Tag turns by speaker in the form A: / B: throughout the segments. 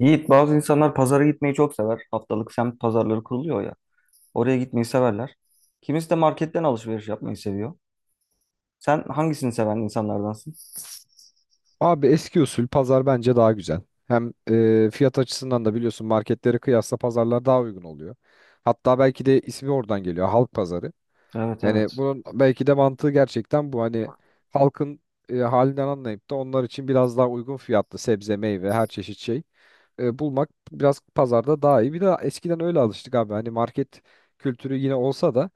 A: Yiğit, bazı insanlar pazara gitmeyi çok sever. Haftalık semt pazarları kuruluyor ya. Oraya gitmeyi severler. Kimisi de marketten alışveriş yapmayı seviyor. Sen hangisini seven insanlardansın?
B: Abi eski usul pazar bence daha güzel. Hem fiyat açısından da biliyorsun marketlere kıyasla pazarlar daha uygun oluyor. Hatta belki de ismi oradan geliyor halk pazarı.
A: Evet
B: Yani
A: evet.
B: bunun belki de mantığı gerçekten bu, hani halkın halinden anlayıp da onlar için biraz daha uygun fiyatlı sebze, meyve, her çeşit şey bulmak biraz pazarda daha iyi. Bir de eskiden öyle alıştık abi, hani market kültürü yine olsa da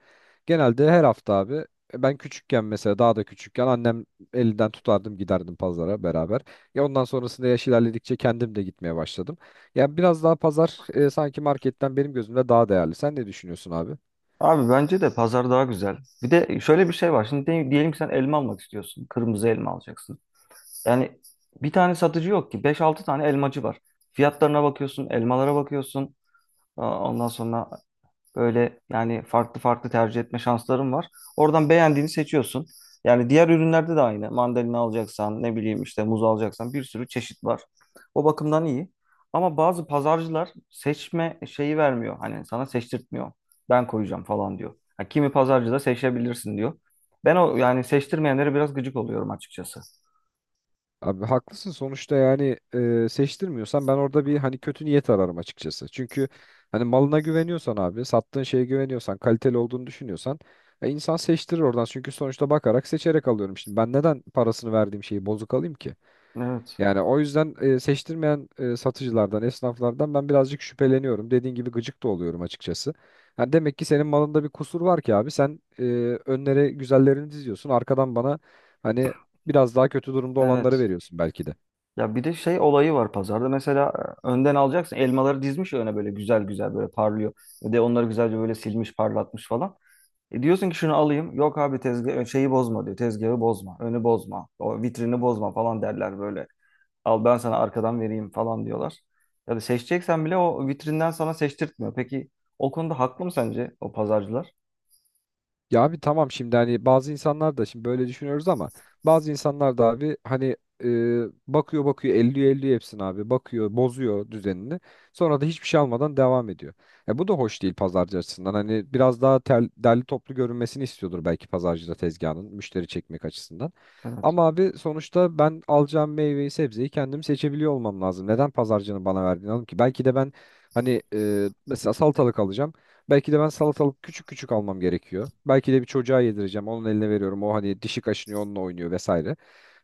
B: genelde her hafta abi, ben küçükken mesela, daha da küçükken annem elinden tutardım, giderdim pazara beraber. Ya ondan sonrasında yaş ilerledikçe kendim de gitmeye başladım. Yani biraz daha pazar, sanki marketten benim gözümde daha değerli. Sen ne düşünüyorsun abi?
A: Abi bence de pazar daha güzel. Bir de şöyle bir şey var. Şimdi diyelim ki sen elma almak istiyorsun. Kırmızı elma alacaksın. Yani bir tane satıcı yok ki. Beş altı tane elmacı var. Fiyatlarına bakıyorsun, elmalara bakıyorsun. Aa, Ondan sonra Böyle yani farklı farklı tercih etme şansların var. Oradan beğendiğini seçiyorsun. Yani diğer ürünlerde de aynı. Mandalina alacaksan, ne bileyim işte muz alacaksan bir sürü çeşit var. O bakımdan iyi. Ama bazı pazarcılar seçme şeyi vermiyor. Hani sana seçtirtmiyor. Ben koyacağım falan diyor. Ha, kimi pazarcı da seçebilirsin diyor. Ben o yani seçtirmeyenlere biraz gıcık oluyorum açıkçası.
B: Abi haklısın, sonuçta yani seçtirmiyorsan ben orada bir, hani kötü niyet ararım açıkçası. Çünkü hani malına güveniyorsan abi, sattığın şeye güveniyorsan, kaliteli olduğunu düşünüyorsan insan seçtirir oradan. Çünkü sonuçta bakarak seçerek alıyorum. Şimdi ben neden parasını verdiğim şeyi bozuk alayım ki?
A: Evet.
B: Yani o yüzden seçtirmeyen satıcılardan, esnaflardan ben birazcık şüpheleniyorum. Dediğin gibi gıcık da oluyorum açıkçası. Yani demek ki senin malında bir kusur var ki abi. Sen önlere güzellerini diziyorsun. Arkadan bana hani biraz daha kötü durumda olanları
A: Evet.
B: veriyorsun belki de.
A: Ya bir de şey olayı var pazarda. Mesela önden alacaksın. Elmaları dizmiş öne böyle güzel güzel böyle parlıyor. Ve de onları güzelce böyle silmiş, parlatmış falan. E diyorsun ki şunu alayım. Yok abi tezgah şeyi bozma diyor. Tezgahı bozma, önü bozma, o vitrini bozma falan derler böyle. Al ben sana arkadan vereyim falan diyorlar. Ya da seçeceksen bile o vitrinden sana seçtirtmiyor. Peki o konuda haklı mı sence o pazarcılar?
B: Ya abi tamam, şimdi hani bazı insanlar da şimdi böyle düşünüyoruz ama bazı insanlar da abi, hani e, bakıyor bakıyor, elliyor elliyor hepsini abi, bakıyor bozuyor düzenini, sonra da hiçbir şey almadan devam ediyor. Ya bu da hoş değil pazarcı açısından, hani biraz daha derli toplu görünmesini istiyordur belki pazarcı da tezgahının, müşteri çekmek açısından.
A: Evet.
B: Ama abi sonuçta ben alacağım meyveyi sebzeyi kendim seçebiliyor olmam lazım. Neden pazarcının bana verdiğini alayım ki? Belki de ben, hani mesela salatalık alacağım. Belki de ben salatalık küçük küçük almam gerekiyor. Belki de bir çocuğa yedireceğim. Onun eline veriyorum. O hani dişi kaşınıyor, onunla oynuyor vesaire.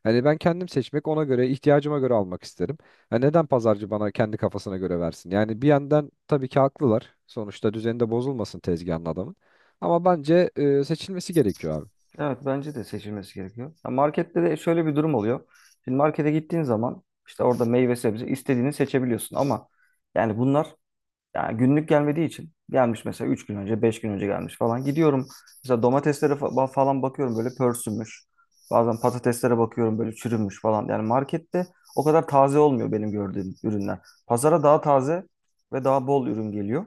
B: Hani ben kendim seçmek, ona göre ihtiyacıma göre almak isterim. Ha, neden pazarcı bana kendi kafasına göre versin? Yani bir yandan tabii ki haklılar. Sonuçta düzeni de bozulmasın tezgahın adamın. Ama bence seçilmesi gerekiyor abi.
A: Evet bence de seçilmesi gerekiyor. Ya markette de şöyle bir durum oluyor. Şimdi markete gittiğin zaman işte orada meyve sebze istediğini seçebiliyorsun ama yani bunlar yani günlük gelmediği için gelmiş mesela 3 gün önce 5 gün önce gelmiş falan. Gidiyorum mesela domateslere falan bakıyorum böyle pörsümüş. Bazen patateslere bakıyorum böyle çürümüş falan. Yani markette o kadar taze olmuyor benim gördüğüm ürünler. Pazara daha taze ve daha bol ürün geliyor.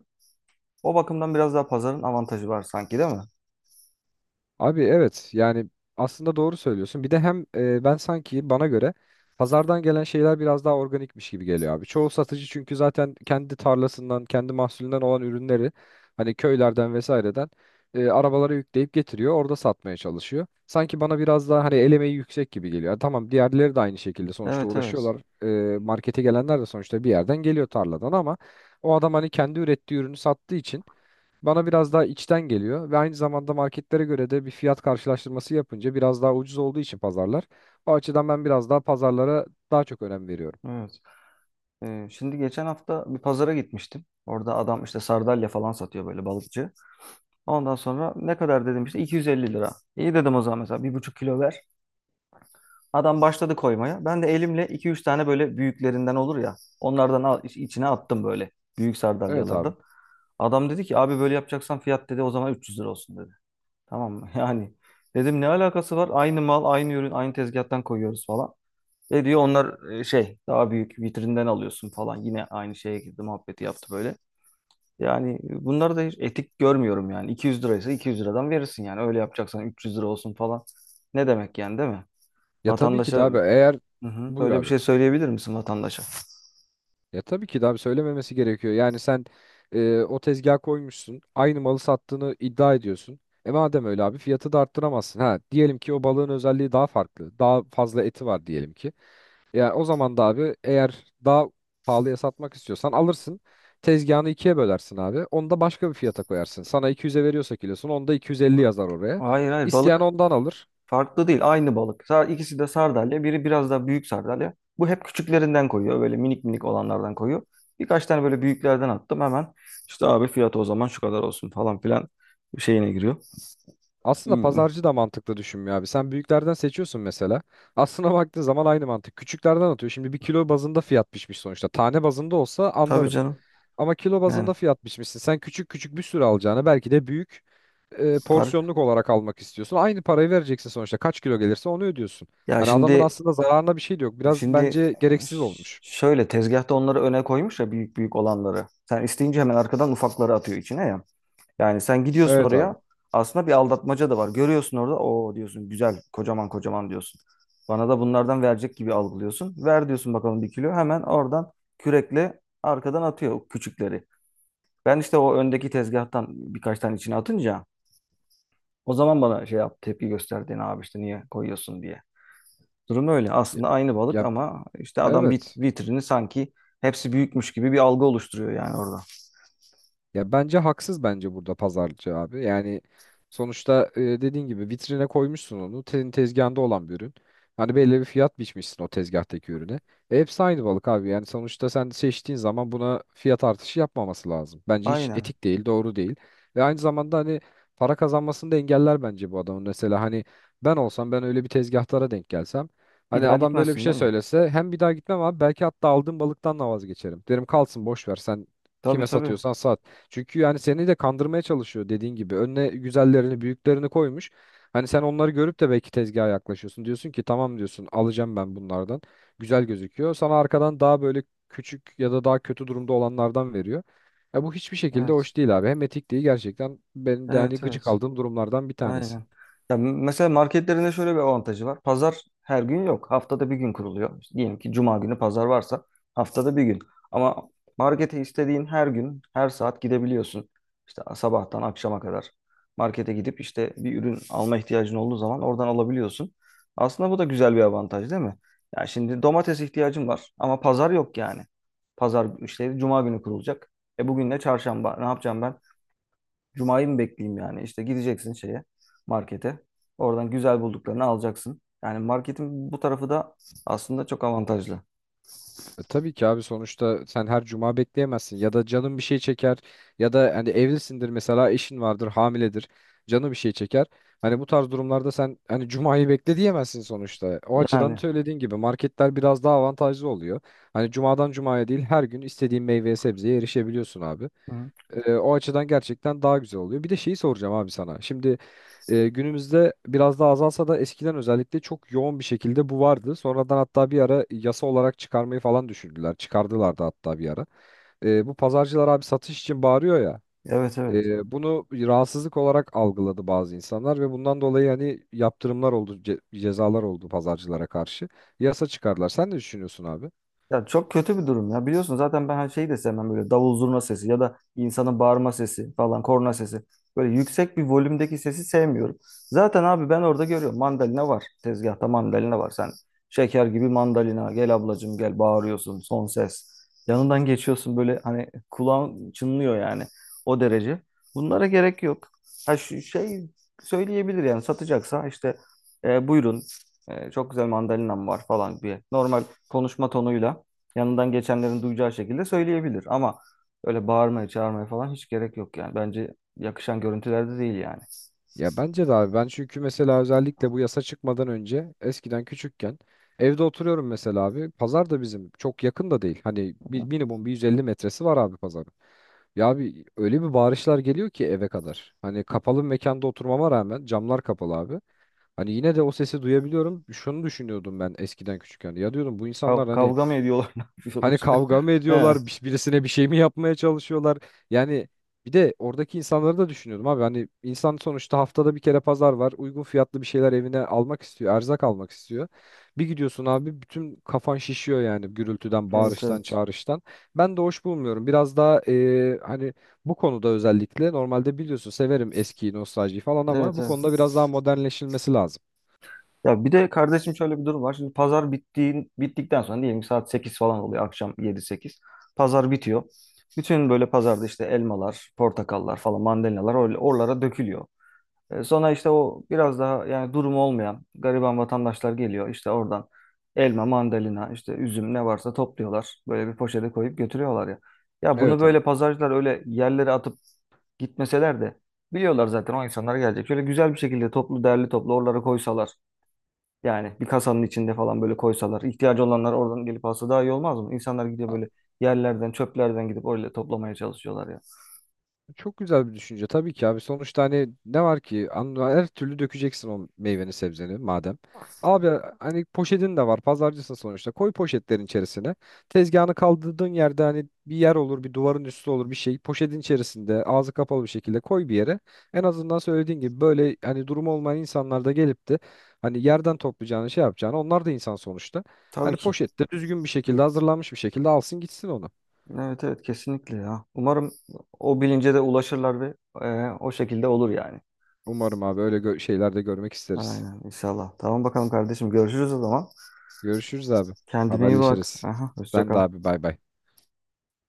A: O bakımdan biraz daha pazarın avantajı var sanki, değil mi?
B: Abi evet, yani aslında doğru söylüyorsun. Bir de hem ben sanki bana göre pazardan gelen şeyler biraz daha organikmiş gibi geliyor abi. Çoğu satıcı çünkü zaten kendi tarlasından, kendi mahsulünden olan ürünleri, hani köylerden vesaireden arabalara yükleyip getiriyor. Orada satmaya çalışıyor. Sanki bana biraz daha hani el emeği yüksek gibi geliyor. Yani tamam, diğerleri de aynı şekilde sonuçta
A: Evet evet.
B: uğraşıyorlar. E, markete gelenler de sonuçta bir yerden geliyor, tarladan, ama o adam hani kendi ürettiği ürünü sattığı için bana biraz daha içten geliyor ve aynı zamanda marketlere göre de bir fiyat karşılaştırması yapınca biraz daha ucuz olduğu için pazarlar. O açıdan ben biraz daha pazarlara daha çok önem veriyorum.
A: Evet. Şimdi geçen hafta bir pazara gitmiştim. Orada adam işte sardalya falan satıyor böyle balıkçı. Ondan sonra ne kadar dedim, işte 250 lira. İyi dedim, o zaman mesela bir buçuk kilo ver. Adam başladı koymaya. Ben de elimle iki üç tane böyle büyüklerinden olur ya. Onlardan al, içine attım böyle. Büyük
B: Evet abi.
A: sardalyalardan. Adam dedi ki abi böyle yapacaksan fiyat, dedi, o zaman 300 lira olsun dedi. Tamam mı? Yani dedim ne alakası var? Aynı mal, aynı ürün, aynı tezgahtan koyuyoruz falan. Ne diyor onlar, şey daha büyük vitrinden alıyorsun falan. Yine aynı şeye girdi, muhabbeti yaptı böyle. Yani bunları da hiç etik görmüyorum yani. 200 liraysa 200 liradan verirsin yani. Öyle yapacaksan 300 lira olsun falan. Ne demek yani, değil mi?
B: Ya tabii ki
A: Vatandaşa.
B: de abi, eğer
A: Hı hı.
B: buyur
A: Böyle bir
B: abi.
A: şey söyleyebilir misin vatandaşa?
B: Ya tabii ki de abi söylememesi gerekiyor. Yani sen o tezgaha koymuşsun. Aynı malı sattığını iddia ediyorsun. E madem öyle abi, fiyatı da arttıramazsın. Ha, diyelim ki o balığın özelliği daha farklı. Daha fazla eti var diyelim ki. Ya o zaman da abi, eğer daha pahalıya satmak istiyorsan alırsın. Tezgahını ikiye bölersin abi. Onu da başka bir fiyata koyarsın. Sana 200'e veriyorsa kilosunu, onda 250 yazar oraya.
A: Hayır hayır,
B: İsteyen
A: balık
B: ondan alır.
A: farklı değil, aynı balık. İkisi de sardalya, biri biraz daha büyük sardalya. Bu hep küçüklerinden koyuyor böyle, minik minik olanlardan koyuyor. Birkaç tane böyle büyüklerden attım hemen. İşte abi fiyatı o zaman şu kadar olsun falan filan şeyine giriyor.
B: Aslında
A: Hmm.
B: pazarcı da mantıklı düşünmüyor abi. Sen büyüklerden seçiyorsun mesela. Aslına baktığın zaman aynı mantık. Küçüklerden atıyor. Şimdi bir kilo bazında fiyat biçmiş sonuçta. Tane bazında olsa
A: Tabii
B: anlarım.
A: canım.
B: Ama kilo
A: Yani
B: bazında fiyat biçmişsin. Sen küçük küçük bir sürü alacağını, belki de büyük
A: Tarık.
B: porsiyonluk olarak almak istiyorsun. Aynı parayı vereceksin sonuçta. Kaç kilo gelirse onu ödüyorsun.
A: Ya
B: Hani adamın aslında zararına bir şey de yok. Biraz
A: şimdi
B: bence gereksiz olmuş.
A: şöyle tezgahta onları öne koymuş ya, büyük büyük olanları. Sen isteyince hemen arkadan ufakları atıyor içine ya. Yani sen gidiyorsun
B: Evet
A: oraya.
B: abi.
A: Aslında bir aldatmaca da var. Görüyorsun orada. O diyorsun güzel, kocaman kocaman diyorsun. Bana da bunlardan verecek gibi algılıyorsun. Ver diyorsun bakalım bir kilo. Hemen oradan kürekle arkadan atıyor o küçükleri. Ben işte o öndeki tezgahtan birkaç tane içine atınca o zaman bana şey yap tepki gösterdin abi işte niye koyuyorsun diye. Durum öyle.
B: Ya,
A: Aslında aynı balık
B: ya,
A: ama işte adam
B: evet.
A: vitrini sanki hepsi büyükmüş gibi bir algı oluşturuyor yani orada.
B: Ya bence haksız, bence burada pazarcı abi. Yani sonuçta dediğin gibi vitrine koymuşsun onu. Senin tezgahında olan bir ürün. Hani belli bir fiyat biçmişsin o tezgahtaki ürüne. E, hepsi aynı balık abi. Yani sonuçta sen seçtiğin zaman buna fiyat artışı yapmaması lazım. Bence hiç
A: Aynen.
B: etik değil, doğru değil. Ve aynı zamanda hani para kazanmasını da engeller bence bu adamın. Mesela hani ben olsam, ben öyle bir tezgahtara denk gelsem,
A: Bir
B: hani
A: daha
B: adam böyle bir
A: gitmezsin
B: şey
A: değil mi?
B: söylese, hem bir daha gitmem abi belki, hatta aldığım balıktan da vazgeçerim. Derim kalsın, boş ver, sen
A: Tabii
B: kime
A: tabii.
B: satıyorsan sat. Çünkü yani seni de kandırmaya çalışıyor dediğin gibi. Önüne güzellerini, büyüklerini koymuş. Hani sen onları görüp de belki tezgaha yaklaşıyorsun. Diyorsun ki tamam, diyorsun alacağım ben bunlardan. Güzel gözüküyor. Sana arkadan daha böyle küçük ya da daha kötü durumda olanlardan veriyor. Ya bu hiçbir şekilde
A: Evet.
B: hoş değil abi. Hem etik değil, gerçekten benim de hani
A: Evet
B: gıcık
A: evet.
B: aldığım durumlardan bir tanesi.
A: Aynen. Ya mesela marketlerinde şöyle bir avantajı var. Pazar her gün yok. Haftada bir gün kuruluyor. İşte diyelim ki cuma günü pazar varsa, haftada bir gün. Ama markete istediğin her gün, her saat gidebiliyorsun. İşte sabahtan akşama kadar markete gidip işte bir ürün alma ihtiyacın olduğu zaman oradan alabiliyorsun. Aslında bu da güzel bir avantaj, değil mi? Ya şimdi domates ihtiyacım var ama pazar yok yani. Pazar işte cuma günü kurulacak. E bugün de çarşamba. Ne yapacağım ben? Cuma'yı mı bekleyeyim yani? İşte gideceksin şeye, markete. Oradan güzel bulduklarını alacaksın. Yani marketin bu tarafı da aslında çok avantajlı.
B: E, tabii ki abi sonuçta sen her cuma bekleyemezsin, ya da canın bir şey çeker, ya da hani evlisindir mesela, eşin vardır, hamiledir, canı bir şey çeker. Hani bu tarz durumlarda sen hani cumayı bekle diyemezsin sonuçta. O açıdan
A: Yani.
B: söylediğin gibi marketler biraz daha avantajlı oluyor. Hani cumadan cumaya değil, her gün istediğin meyveye sebzeye erişebiliyorsun abi.
A: Hı.
B: E, o açıdan gerçekten daha güzel oluyor. Bir de şeyi soracağım abi sana. Şimdi günümüzde biraz daha azalsa da eskiden özellikle çok yoğun bir şekilde bu vardı. Sonradan hatta bir ara yasa olarak çıkarmayı falan düşündüler. Çıkardılar da hatta bir ara. E, bu pazarcılar abi satış için bağırıyor ya,
A: Evet evet.
B: bunu rahatsızlık olarak algıladı bazı insanlar ve bundan dolayı hani yaptırımlar oldu, cezalar oldu pazarcılara karşı. Yasa çıkardılar. Sen ne düşünüyorsun abi?
A: Ya çok kötü bir durum ya. Biliyorsun zaten ben her şeyi de sevmem, böyle davul zurna sesi ya da insanın bağırma sesi falan, korna sesi. Böyle yüksek bir volümdeki sesi sevmiyorum. Zaten abi ben orada görüyorum, mandalina var. Tezgahta mandalina var. Sen şeker gibi mandalina gel ablacım gel bağırıyorsun son ses. Yanından geçiyorsun böyle hani kulağın çınlıyor yani, o derece. Bunlara gerek yok. Ha şu şey söyleyebilir yani, satacaksa işte buyurun çok güzel mandalinam var falan diye. Normal konuşma tonuyla yanından geçenlerin duyacağı şekilde söyleyebilir. Ama öyle bağırmaya, çağırmaya falan hiç gerek yok yani. Bence yakışan görüntülerde değil yani.
B: Ya bence de abi, ben çünkü mesela özellikle bu yasa çıkmadan önce eskiden küçükken evde oturuyorum mesela abi, pazar da bizim çok yakın da değil, hani bir, minimum bir 150 metresi var abi pazarın. Ya abi öyle bir bağırışlar geliyor ki eve kadar, hani kapalı mekanda oturmama rağmen, camlar kapalı abi, hani yine de o sesi duyabiliyorum, şunu düşünüyordum ben eskiden küçükken, ya diyordum bu insanlar hani,
A: Kavga mı ediyorlar, ne
B: hani
A: yapıyorlar?
B: kavga mı
A: He.
B: ediyorlar? Birisine bir şey mi yapmaya çalışıyorlar? Yani bir de oradaki insanları da düşünüyordum abi. Hani insan sonuçta haftada bir kere pazar var. Uygun fiyatlı bir şeyler evine almak istiyor. Erzak almak istiyor. Bir gidiyorsun abi bütün kafan şişiyor yani, gürültüden,
A: Evet,
B: bağırıştan,
A: evet.
B: çağrıştan. Ben de hoş bulmuyorum. Biraz daha hani bu konuda özellikle, normalde biliyorsun severim eskiyi, nostaljiyi falan, ama
A: Evet,
B: bu konuda
A: evet.
B: biraz daha modernleşilmesi lazım.
A: Ya bir de kardeşim şöyle bir durum var. Şimdi pazar bittiğin, bittikten sonra diyelim ki saat sekiz falan oluyor, akşam yedi sekiz. Pazar bitiyor. Bütün böyle pazarda işte elmalar, portakallar falan, mandalinalar öyle oralara dökülüyor. Sonra işte o biraz daha yani durumu olmayan gariban vatandaşlar geliyor. İşte oradan elma, mandalina, işte üzüm ne varsa topluyorlar. Böyle bir poşete koyup götürüyorlar ya. Ya bunu
B: Evet abi.
A: böyle pazarcılar öyle yerlere atıp gitmeseler de biliyorlar zaten o insanlar gelecek. Şöyle güzel bir şekilde toplu derli toplu oralara koysalar. Yani bir kasanın içinde falan böyle koysalar, ihtiyacı olanlar oradan gelip alsa daha iyi olmaz mı? İnsanlar gidiyor böyle yerlerden, çöplerden gidip öyle toplamaya çalışıyorlar ya.
B: Çok güzel bir düşünce tabii ki abi. Sonuçta hani ne var ki, her türlü dökeceksin o meyveni sebzeni madem. Abi hani poşetin de var, pazarcısın sonuçta, koy poşetlerin içerisine. Tezgahını kaldırdığın yerde hani bir yer olur, bir duvarın üstü olur, bir şey, poşetin içerisinde ağzı kapalı bir şekilde koy bir yere. En azından söylediğin gibi böyle hani durum olmayan insanlar da gelip de hani yerden toplayacağını şey yapacağını onlar da insan sonuçta.
A: Tabii
B: Hani
A: ki.
B: poşette düzgün bir şekilde hazırlanmış bir şekilde alsın gitsin onu.
A: Evet evet kesinlikle ya. Umarım o bilince de ulaşırlar ve o şekilde olur yani.
B: Umarım abi öyle şeyler de görmek isteriz.
A: Aynen inşallah. Tamam bakalım kardeşim, görüşürüz o zaman.
B: Görüşürüz abi.
A: Kendine iyi bak.
B: Haberleşiriz.
A: Aha, hoşça
B: Sen de
A: kal.
B: abi, bay bay.